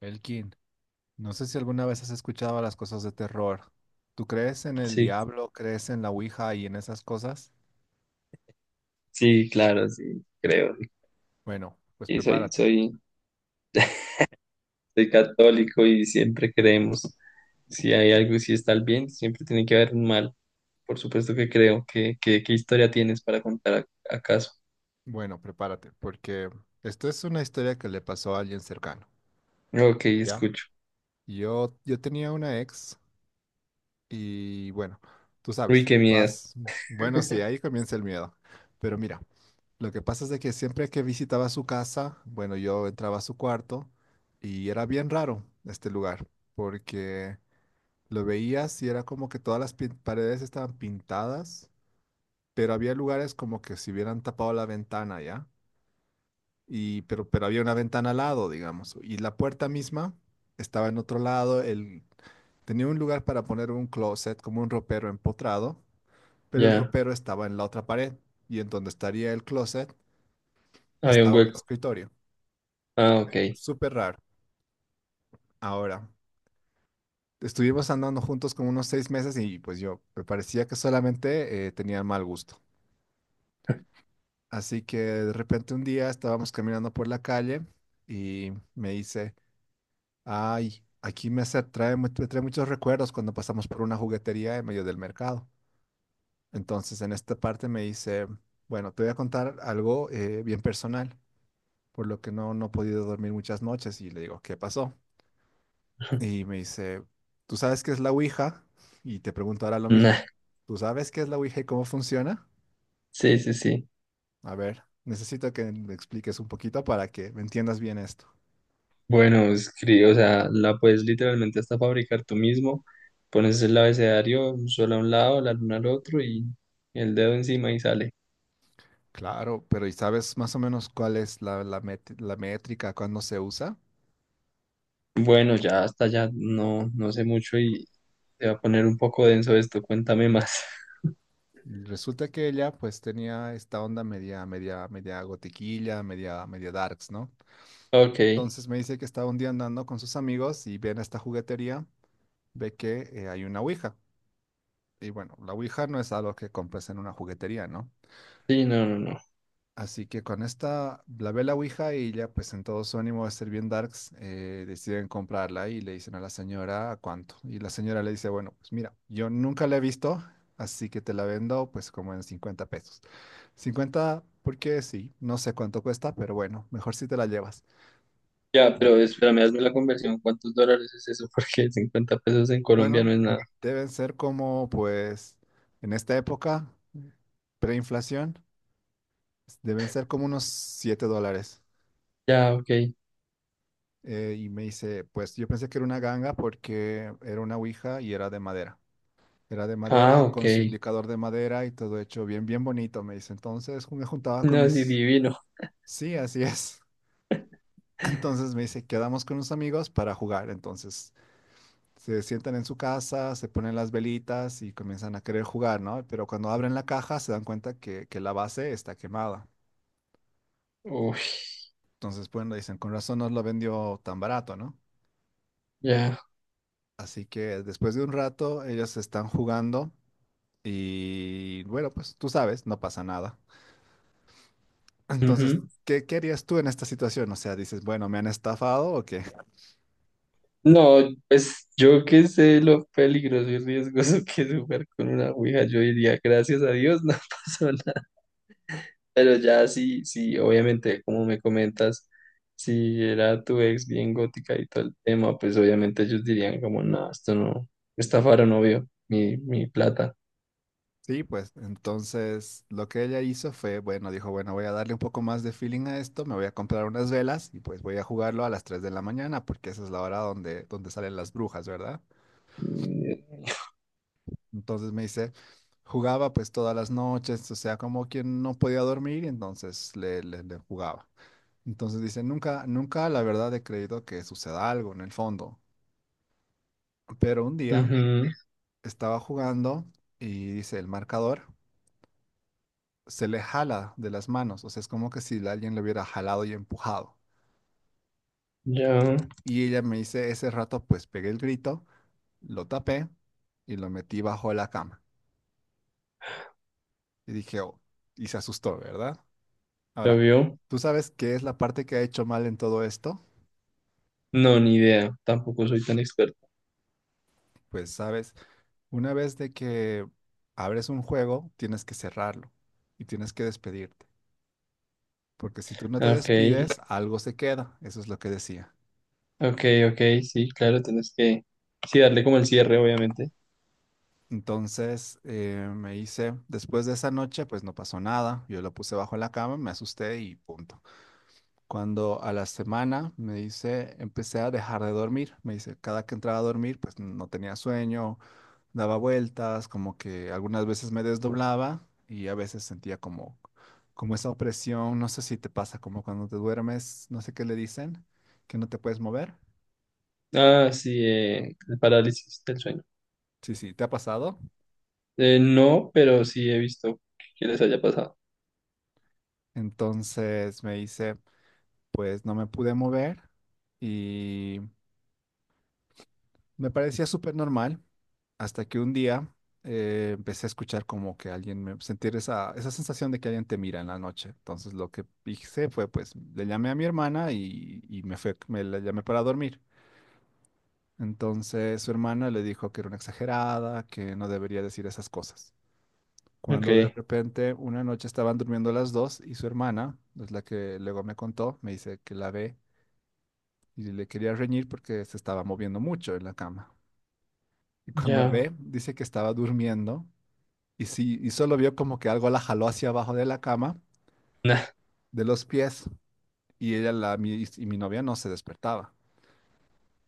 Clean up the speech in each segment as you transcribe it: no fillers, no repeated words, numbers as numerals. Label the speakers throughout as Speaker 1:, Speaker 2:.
Speaker 1: Elkin, no sé si alguna vez has escuchado las cosas de terror. ¿Tú crees en el
Speaker 2: Sí,
Speaker 1: diablo, crees en la Ouija y en esas cosas?
Speaker 2: sí, claro, sí, creo.
Speaker 1: Bueno, pues
Speaker 2: Y soy,
Speaker 1: prepárate.
Speaker 2: soy, soy católico y siempre creemos. Si hay algo si está el bien, siempre tiene que haber un mal. Por supuesto que creo. ¿Qué historia tienes para contar acaso?
Speaker 1: Bueno, prepárate, porque esto es una historia que le pasó a alguien cercano,
Speaker 2: Ok,
Speaker 1: ¿ya?
Speaker 2: escucho.
Speaker 1: Yo tenía una ex y bueno, tú
Speaker 2: Uy,
Speaker 1: sabes,
Speaker 2: qué miedo.
Speaker 1: vas, bueno, sí, ahí comienza el miedo. Pero mira, lo que pasa es de que siempre que visitaba su casa, bueno, yo entraba a su cuarto y era bien raro este lugar, porque... Lo veías y era como que todas las paredes estaban pintadas, pero había lugares como que si hubieran tapado la ventana, ¿ya? Y, pero había una ventana al lado, digamos, y la puerta misma estaba en otro lado, el, tenía un lugar para poner un closet, como un ropero empotrado, pero el
Speaker 2: Ya,
Speaker 1: ropero estaba en la otra pared, y en donde estaría el closet
Speaker 2: había un
Speaker 1: estaba un
Speaker 2: hueco.
Speaker 1: escritorio.
Speaker 2: Ah, ok.
Speaker 1: Súper raro. Ahora, estuvimos andando juntos como unos 6 meses y pues yo me parecía que solamente tenía mal gusto. Así que de repente un día estábamos caminando por la calle y me dice, ay, aquí trae, me trae muchos recuerdos cuando pasamos por una juguetería en medio del mercado. Entonces en esta parte me dice, bueno, te voy a contar algo bien personal, por lo que no he podido dormir muchas noches y le digo, ¿qué pasó? Y me dice, ¿tú sabes qué es la Ouija? Y te pregunto ahora lo mismo,
Speaker 2: Nah,
Speaker 1: ¿tú sabes qué es la Ouija y cómo funciona?
Speaker 2: sí, sí, sí.
Speaker 1: A ver, necesito que me expliques un poquito para que me entiendas bien esto.
Speaker 2: Bueno, escribe, o sea, la puedes literalmente hasta fabricar tú mismo. Pones el abecedario, un sol a un lado, la luna al otro y el dedo encima y sale.
Speaker 1: Claro, pero ¿y sabes más o menos cuál es la métrica cuando se usa?
Speaker 2: Bueno, ya hasta ya no sé mucho y se va a poner un poco denso esto, cuéntame más.
Speaker 1: Resulta que ella pues tenía esta onda media, media, media gotiquilla, media, media darks, ¿no?
Speaker 2: Ok, sí,
Speaker 1: Entonces me dice que estaba un día andando con sus amigos y viene a esta juguetería, ve que hay una ouija. Y bueno, la ouija no es algo que compres en una juguetería, ¿no?
Speaker 2: no, no, no.
Speaker 1: Así que con esta, la ve la Ouija y ya pues en todo su ánimo de ser bien darks, deciden comprarla y le dicen a la señora "¿A cuánto? Y la señora le dice, bueno, pues mira, yo nunca la he visto, así que te la vendo pues como en 50 pesos. Cincuenta porque sí, no sé cuánto cuesta, pero bueno, mejor si te la llevas."
Speaker 2: Ya,
Speaker 1: La-
Speaker 2: pero espérame, hazme la conversión, ¿cuántos dólares es eso? Porque 50 pesos en Colombia no
Speaker 1: bueno,
Speaker 2: es nada.
Speaker 1: deben ser como pues en esta época, preinflación, deben ser como unos $7.
Speaker 2: Ya, ok.
Speaker 1: Y me dice, pues yo pensé que era una ganga porque era una ouija y era de madera. Era de
Speaker 2: Ah,
Speaker 1: madera con su
Speaker 2: ok.
Speaker 1: indicador de madera y todo hecho bien, bien bonito, me dice. Entonces me juntaba con
Speaker 2: No, sí,
Speaker 1: mis...
Speaker 2: divino.
Speaker 1: Sí, así es. Entonces me dice, quedamos con unos amigos para jugar. Entonces se sientan en su casa, se ponen las velitas y comienzan a querer jugar, ¿no? Pero cuando abren la caja se dan cuenta que la base está quemada.
Speaker 2: Uy,
Speaker 1: Entonces, bueno, dicen, con razón nos lo vendió tan barato, ¿no?
Speaker 2: ya.
Speaker 1: Así que después de un rato ellos están jugando. Y bueno, pues tú sabes, no pasa nada. Entonces,
Speaker 2: Ujú.
Speaker 1: qué harías tú en esta situación? O sea, dices, bueno, ¿me han estafado o qué?
Speaker 2: No, pues yo que sé lo peligroso y riesgoso que es jugar con una ouija, yo diría, gracias a Dios, no pasó. Pero ya sí, sí, obviamente, como me comentas, si era tu ex bien gótica y todo el tema, pues obviamente ellos dirían como, no, esto no, estafaron, obvio, mi plata.
Speaker 1: Sí, pues entonces lo que ella hizo fue, bueno, dijo, bueno, voy a darle un poco más de feeling a esto, me voy a comprar unas velas y pues voy a jugarlo a las 3 de la mañana porque esa es la hora donde salen las brujas, ¿verdad?
Speaker 2: Y...
Speaker 1: Entonces me dice, jugaba pues todas las noches, o sea, como quien no podía dormir y entonces le jugaba. Entonces dice, nunca la verdad he creído que suceda algo en el fondo. Pero un día
Speaker 2: ujú,
Speaker 1: estaba jugando y dice, el marcador se le jala de las manos, o sea, es como que si alguien le hubiera jalado y empujado.
Speaker 2: ya,
Speaker 1: Y ella me dice, ese rato pues pegué el grito, lo tapé y lo metí bajo la cama. Y dije, oh, y se asustó, ¿verdad?
Speaker 2: ¿lo
Speaker 1: Ahora,
Speaker 2: vio?
Speaker 1: ¿tú sabes qué es la parte que ha hecho mal en todo esto?
Speaker 2: No, ni idea, tampoco soy tan experto.
Speaker 1: Pues sabes, una vez de que abres un juego, tienes que cerrarlo y tienes que despedirte. Porque si tú no te
Speaker 2: Ok,
Speaker 1: despides, algo se queda. Eso es lo que decía.
Speaker 2: ok, ok, sí, claro, tienes que, sí, darle como el cierre, obviamente.
Speaker 1: Entonces me dice, después de esa noche, pues no pasó nada. Yo lo puse bajo la cama, me asusté y punto. Cuando a la semana me dice, empecé a dejar de dormir. Me dice, cada que entraba a dormir, pues no tenía sueño, daba vueltas, como que algunas veces me desdoblaba y a veces sentía como esa opresión. No sé si te pasa, como cuando te duermes, no sé qué le dicen, que no te puedes mover.
Speaker 2: Ah, sí, el parálisis del sueño.
Speaker 1: Sí, sí, ¿te ha pasado?
Speaker 2: No, pero sí he visto que les haya pasado.
Speaker 1: Entonces me dice pues no me pude mover y me parecía súper normal hasta que un día empecé a escuchar como que alguien me sentir esa sensación de que alguien te mira en la noche. Entonces lo que hice fue pues le llamé a mi hermana y me fue, me la llamé para dormir. Entonces su hermana le dijo que era una exagerada, que no debería decir esas cosas.
Speaker 2: Ok,
Speaker 1: Cuando de repente una noche estaban durmiendo las dos y su hermana, es la que luego me contó, me dice que la ve y le quería reñir porque se estaba moviendo mucho en la cama. Y cuando
Speaker 2: ya.
Speaker 1: ve, dice que estaba durmiendo y sí, y solo vio como que algo la jaló hacia abajo de la cama, de los pies, y ella la, y mi novia no se despertaba.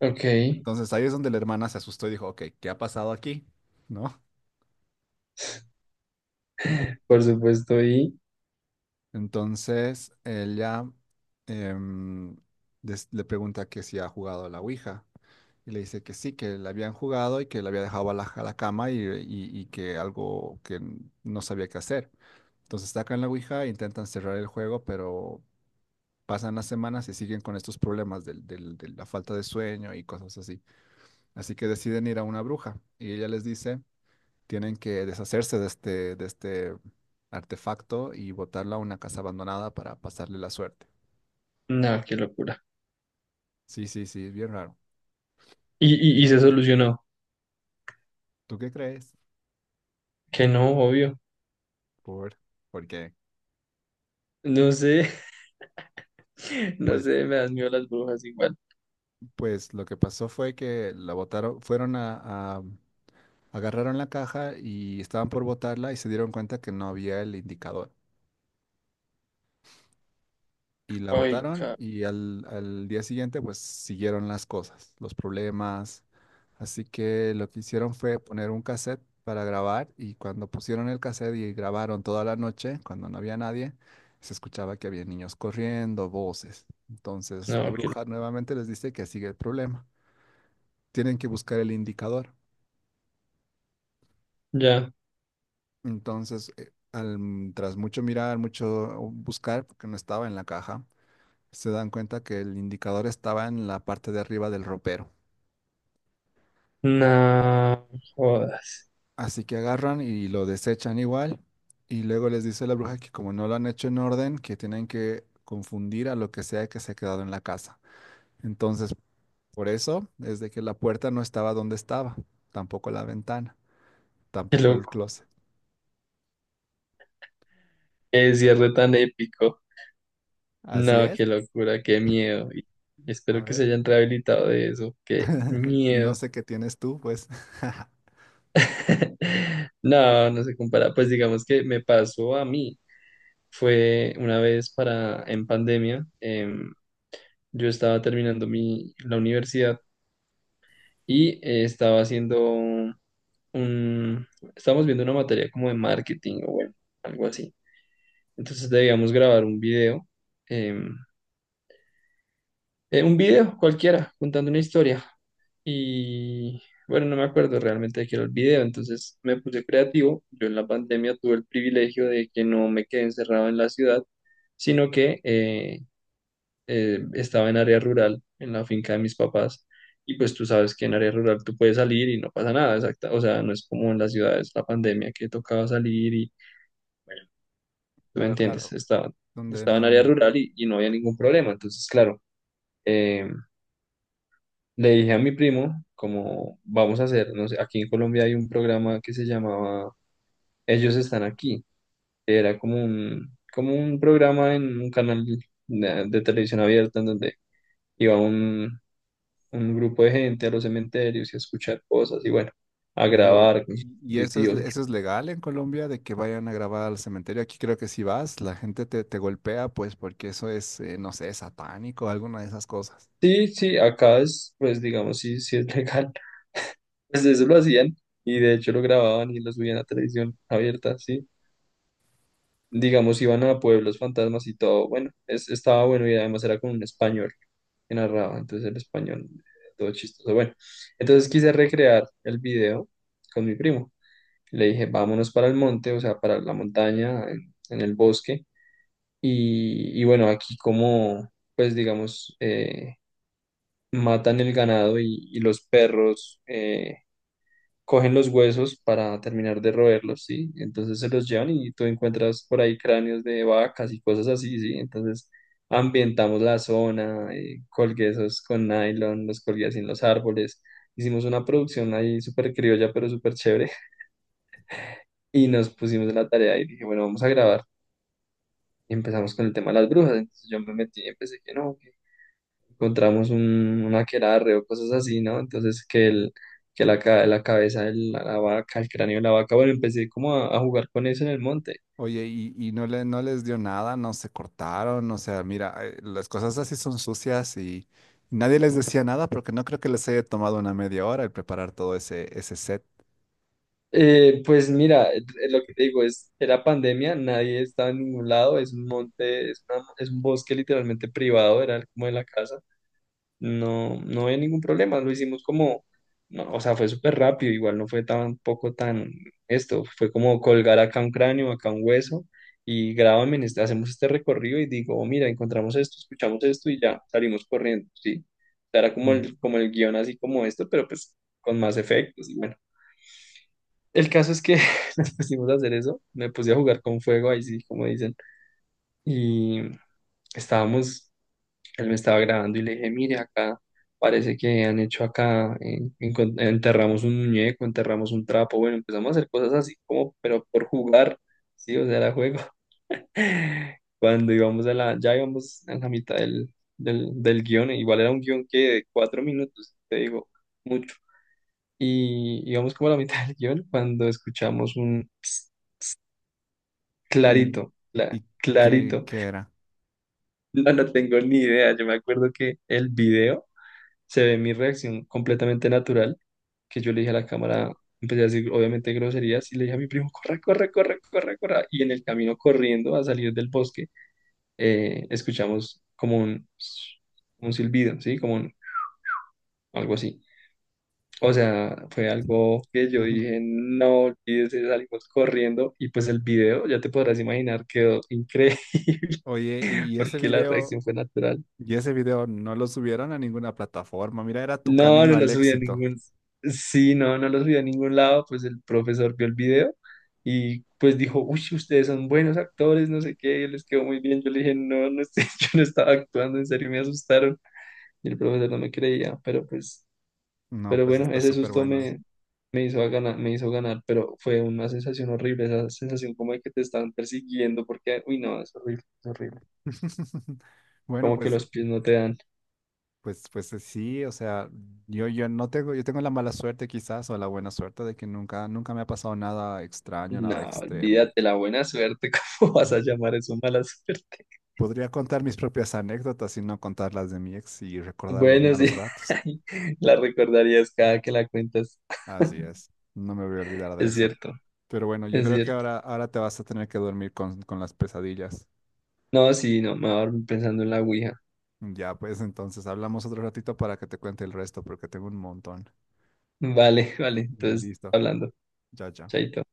Speaker 2: Ok,
Speaker 1: Entonces ahí es donde la hermana se asustó y dijo, ok, ¿qué ha pasado aquí? ¿No?
Speaker 2: por supuesto, y
Speaker 1: Entonces ella em, le pregunta que si ha jugado a la Ouija. Y le dice que sí, que la habían jugado y que la había dejado a la cama y que algo que no sabía qué hacer. Entonces sacan la Ouija, e intentan cerrar el juego, pero pasan las semanas y siguen con estos problemas de la falta de sueño y cosas así. Así que deciden ir a una bruja y ella les dice, tienen que deshacerse de este artefacto y botarla a una casa abandonada para pasarle la suerte.
Speaker 2: no, qué locura.
Speaker 1: Sí, sí, sí, es bien raro.
Speaker 2: Y se solucionó,
Speaker 1: ¿Tú qué crees?
Speaker 2: que no, obvio.
Speaker 1: ¿Por, por qué?
Speaker 2: No sé, no
Speaker 1: Pues,
Speaker 2: sé, me dan miedo las brujas igual.
Speaker 1: pues lo que pasó fue que la botaron, fueron a, a- agarraron la caja y estaban por botarla y se dieron cuenta que no había el indicador. Y la
Speaker 2: Ay,
Speaker 1: votaron y al día siguiente pues siguieron las cosas, los problemas. Así que lo que hicieron fue poner un cassette para grabar y cuando pusieron el cassette y grabaron toda la noche, cuando no había nadie, se escuchaba que había niños corriendo, voces. Entonces la
Speaker 2: no, qué loco.
Speaker 1: bruja nuevamente les dice que sigue el problema. Tienen que buscar el indicador.
Speaker 2: Ya,
Speaker 1: Entonces, tras mucho mirar, mucho buscar, porque no estaba en la caja, se dan cuenta que el indicador estaba en la parte de arriba del ropero.
Speaker 2: no, jodas,
Speaker 1: Así que agarran y lo desechan igual. Y luego les dice la bruja que como no lo han hecho en orden, que tienen que confundir a lo que sea que se ha quedado en la casa. Entonces, por eso es de que la puerta no estaba donde estaba, tampoco la ventana,
Speaker 2: qué
Speaker 1: tampoco el
Speaker 2: loco.
Speaker 1: closet.
Speaker 2: Qué cierre tan épico.
Speaker 1: Así
Speaker 2: No,
Speaker 1: es.
Speaker 2: qué locura, qué miedo. Y
Speaker 1: A
Speaker 2: espero que se
Speaker 1: ver.
Speaker 2: hayan rehabilitado de eso, qué
Speaker 1: No
Speaker 2: miedo.
Speaker 1: sé qué tienes tú, pues.
Speaker 2: No, no se compara. Pues digamos que me pasó a mí. Fue una vez para en pandemia. Yo estaba terminando la universidad y estaba haciendo un, estábamos viendo una materia como de marketing o bueno, algo así. Entonces debíamos grabar un video, em, un video cualquiera, contando una historia. Y bueno, no me acuerdo realmente de qué era el video, entonces me puse creativo. Yo en la pandemia tuve el privilegio de que no me quedé encerrado en la ciudad, sino que estaba en área rural, en la finca de mis papás, y pues tú sabes que en área rural tú puedes salir y no pasa nada, exacta, o sea, no es como en las ciudades, la pandemia que tocaba salir y, bueno, tú me
Speaker 1: Claro,
Speaker 2: entiendes,
Speaker 1: claro. Donde
Speaker 2: estaba en
Speaker 1: no.
Speaker 2: área
Speaker 1: No.
Speaker 2: rural y no había ningún problema, entonces, claro, eh, le dije a mi primo, como vamos a hacer, no sé, aquí en Colombia hay un programa que se llamaba Ellos están aquí, que era como un programa en un canal de televisión abierta en donde iba un grupo de gente a los cementerios y a escuchar cosas y bueno, a
Speaker 1: Oye, ¿y
Speaker 2: grabar con sus
Speaker 1: y eso es,
Speaker 2: dispositivos.
Speaker 1: legal en Colombia de que vayan a grabar al cementerio? Aquí creo que si vas, la gente te golpea, pues porque eso es, no sé, satánico, alguna de esas cosas.
Speaker 2: Sí, sí, acá es, pues digamos, sí, sí es legal. Pues eso lo hacían y de hecho lo grababan y lo subían a televisión abierta, sí. Digamos, iban a pueblos fantasmas y todo. Bueno, es, estaba bueno y además era con un español que narraba, entonces el español, todo chistoso. Bueno, entonces quise recrear el video con mi primo. Le dije, vámonos para el monte, o sea, para la montaña, en el bosque. Y bueno, aquí como, pues digamos, matan el ganado y los perros cogen los huesos para terminar de roerlos, ¿sí? Entonces se los llevan y tú encuentras por ahí cráneos de vacas y cosas así, ¿sí? Entonces ambientamos la zona, colgué esos con nylon, los colgué así en los árboles. Hicimos una producción ahí súper criolla, pero súper chévere. Y nos pusimos en la tarea y dije, bueno, vamos a grabar. Y empezamos con el tema de las brujas. Entonces yo me metí y empecé que no, encontramos un aquelarre o cosas así, ¿no? Entonces que el, que la la cabeza de la vaca, el cráneo de la vaca, bueno, empecé como a jugar con eso en el monte.
Speaker 1: Oye, y no le, no les dio nada, no se cortaron, o sea, mira, las cosas así son sucias y nadie les decía nada porque no creo que les haya tomado una media hora el preparar todo ese, set.
Speaker 2: Pues mira, lo que te digo es, era pandemia, nadie estaba en ningún lado, es un monte, es un bosque literalmente privado, era como de la casa. No, no había ningún problema, lo hicimos como, no, o sea, fue súper rápido, igual no fue tampoco tan esto, fue como colgar acá un cráneo, acá un hueso y grábame, hacemos este recorrido y digo, mira, encontramos esto, escuchamos esto y ya salimos corriendo, ¿sí? O sea, era
Speaker 1: Mm.
Speaker 2: como el guión así como esto, pero pues con más efectos y bueno. El caso es que nos pusimos a hacer eso, me puse a jugar con fuego, ahí sí, como dicen, y estábamos él me estaba grabando y le dije, mire, acá parece que han hecho acá, enterramos un muñeco, enterramos un trapo, bueno, empezamos a hacer cosas así como, pero por jugar, sí, o sea, era juego. Cuando íbamos a la, ya íbamos a la mitad del guión, igual era un guión que de 4 minutos, te digo, mucho. Y íbamos como a la mitad del guión cuando escuchamos un "Ps",
Speaker 1: ¿Y, y qué,
Speaker 2: clarito.
Speaker 1: qué era?
Speaker 2: No, no tengo ni idea, yo me acuerdo que el video se ve mi reacción completamente natural, que yo le dije a la cámara, empecé a decir obviamente groserías y le dije a mi primo, corre, corre, corre, corre, corre. Y en el camino corriendo a salir del bosque, escuchamos como un silbido, ¿sí? Algo así. O sea, fue algo que yo dije, no olvides, salimos corriendo y pues el video, ya te podrás imaginar, quedó increíble.
Speaker 1: Oye, ¿y ese
Speaker 2: Porque la
Speaker 1: video?
Speaker 2: reacción fue natural.
Speaker 1: Y ese video no lo subieron a ninguna plataforma. Mira, era tu
Speaker 2: No,
Speaker 1: camino
Speaker 2: no lo
Speaker 1: al
Speaker 2: subí a
Speaker 1: éxito.
Speaker 2: ningún. Sí, no, no lo subí a ningún lado. Pues el profesor vio el video y pues dijo, uy, ustedes son buenos actores, no sé qué, les quedó muy bien. Yo le dije, no, yo no estaba actuando, en serio me asustaron. Y el profesor no me creía, pero pues,
Speaker 1: No,
Speaker 2: pero
Speaker 1: pues
Speaker 2: bueno,
Speaker 1: está súper bueno.
Speaker 2: me hizo a ganar, me hizo ganar, pero fue una sensación horrible, esa sensación como de que te están persiguiendo, porque, uy, no, es horrible, es horrible.
Speaker 1: Bueno,
Speaker 2: Como que
Speaker 1: pues,
Speaker 2: los pies no te dan.
Speaker 1: pues sí, o sea, yo no tengo, yo tengo la mala suerte quizás o la buena suerte de que nunca, nunca me ha pasado nada extraño,
Speaker 2: No,
Speaker 1: nada extremo.
Speaker 2: olvídate la buena suerte, ¿cómo vas a llamar eso mala suerte?
Speaker 1: Podría contar mis propias anécdotas y no contar las de mi ex y recordar los
Speaker 2: Bueno, sí,
Speaker 1: malos ratos.
Speaker 2: la recordarías cada que la cuentas.
Speaker 1: Así es, no me voy a olvidar de
Speaker 2: Es
Speaker 1: eso.
Speaker 2: cierto,
Speaker 1: Pero bueno, yo
Speaker 2: es
Speaker 1: creo que
Speaker 2: cierto.
Speaker 1: ahora, ahora te vas a tener que dormir con, las pesadillas.
Speaker 2: No, sí, no, me voy a dormir pensando en la Ouija.
Speaker 1: Ya, pues entonces hablamos otro ratito para que te cuente el resto, porque tengo un montón.
Speaker 2: Vale, vale, entonces,
Speaker 1: Listo,
Speaker 2: hablando.
Speaker 1: ya, ya.
Speaker 2: Chaito.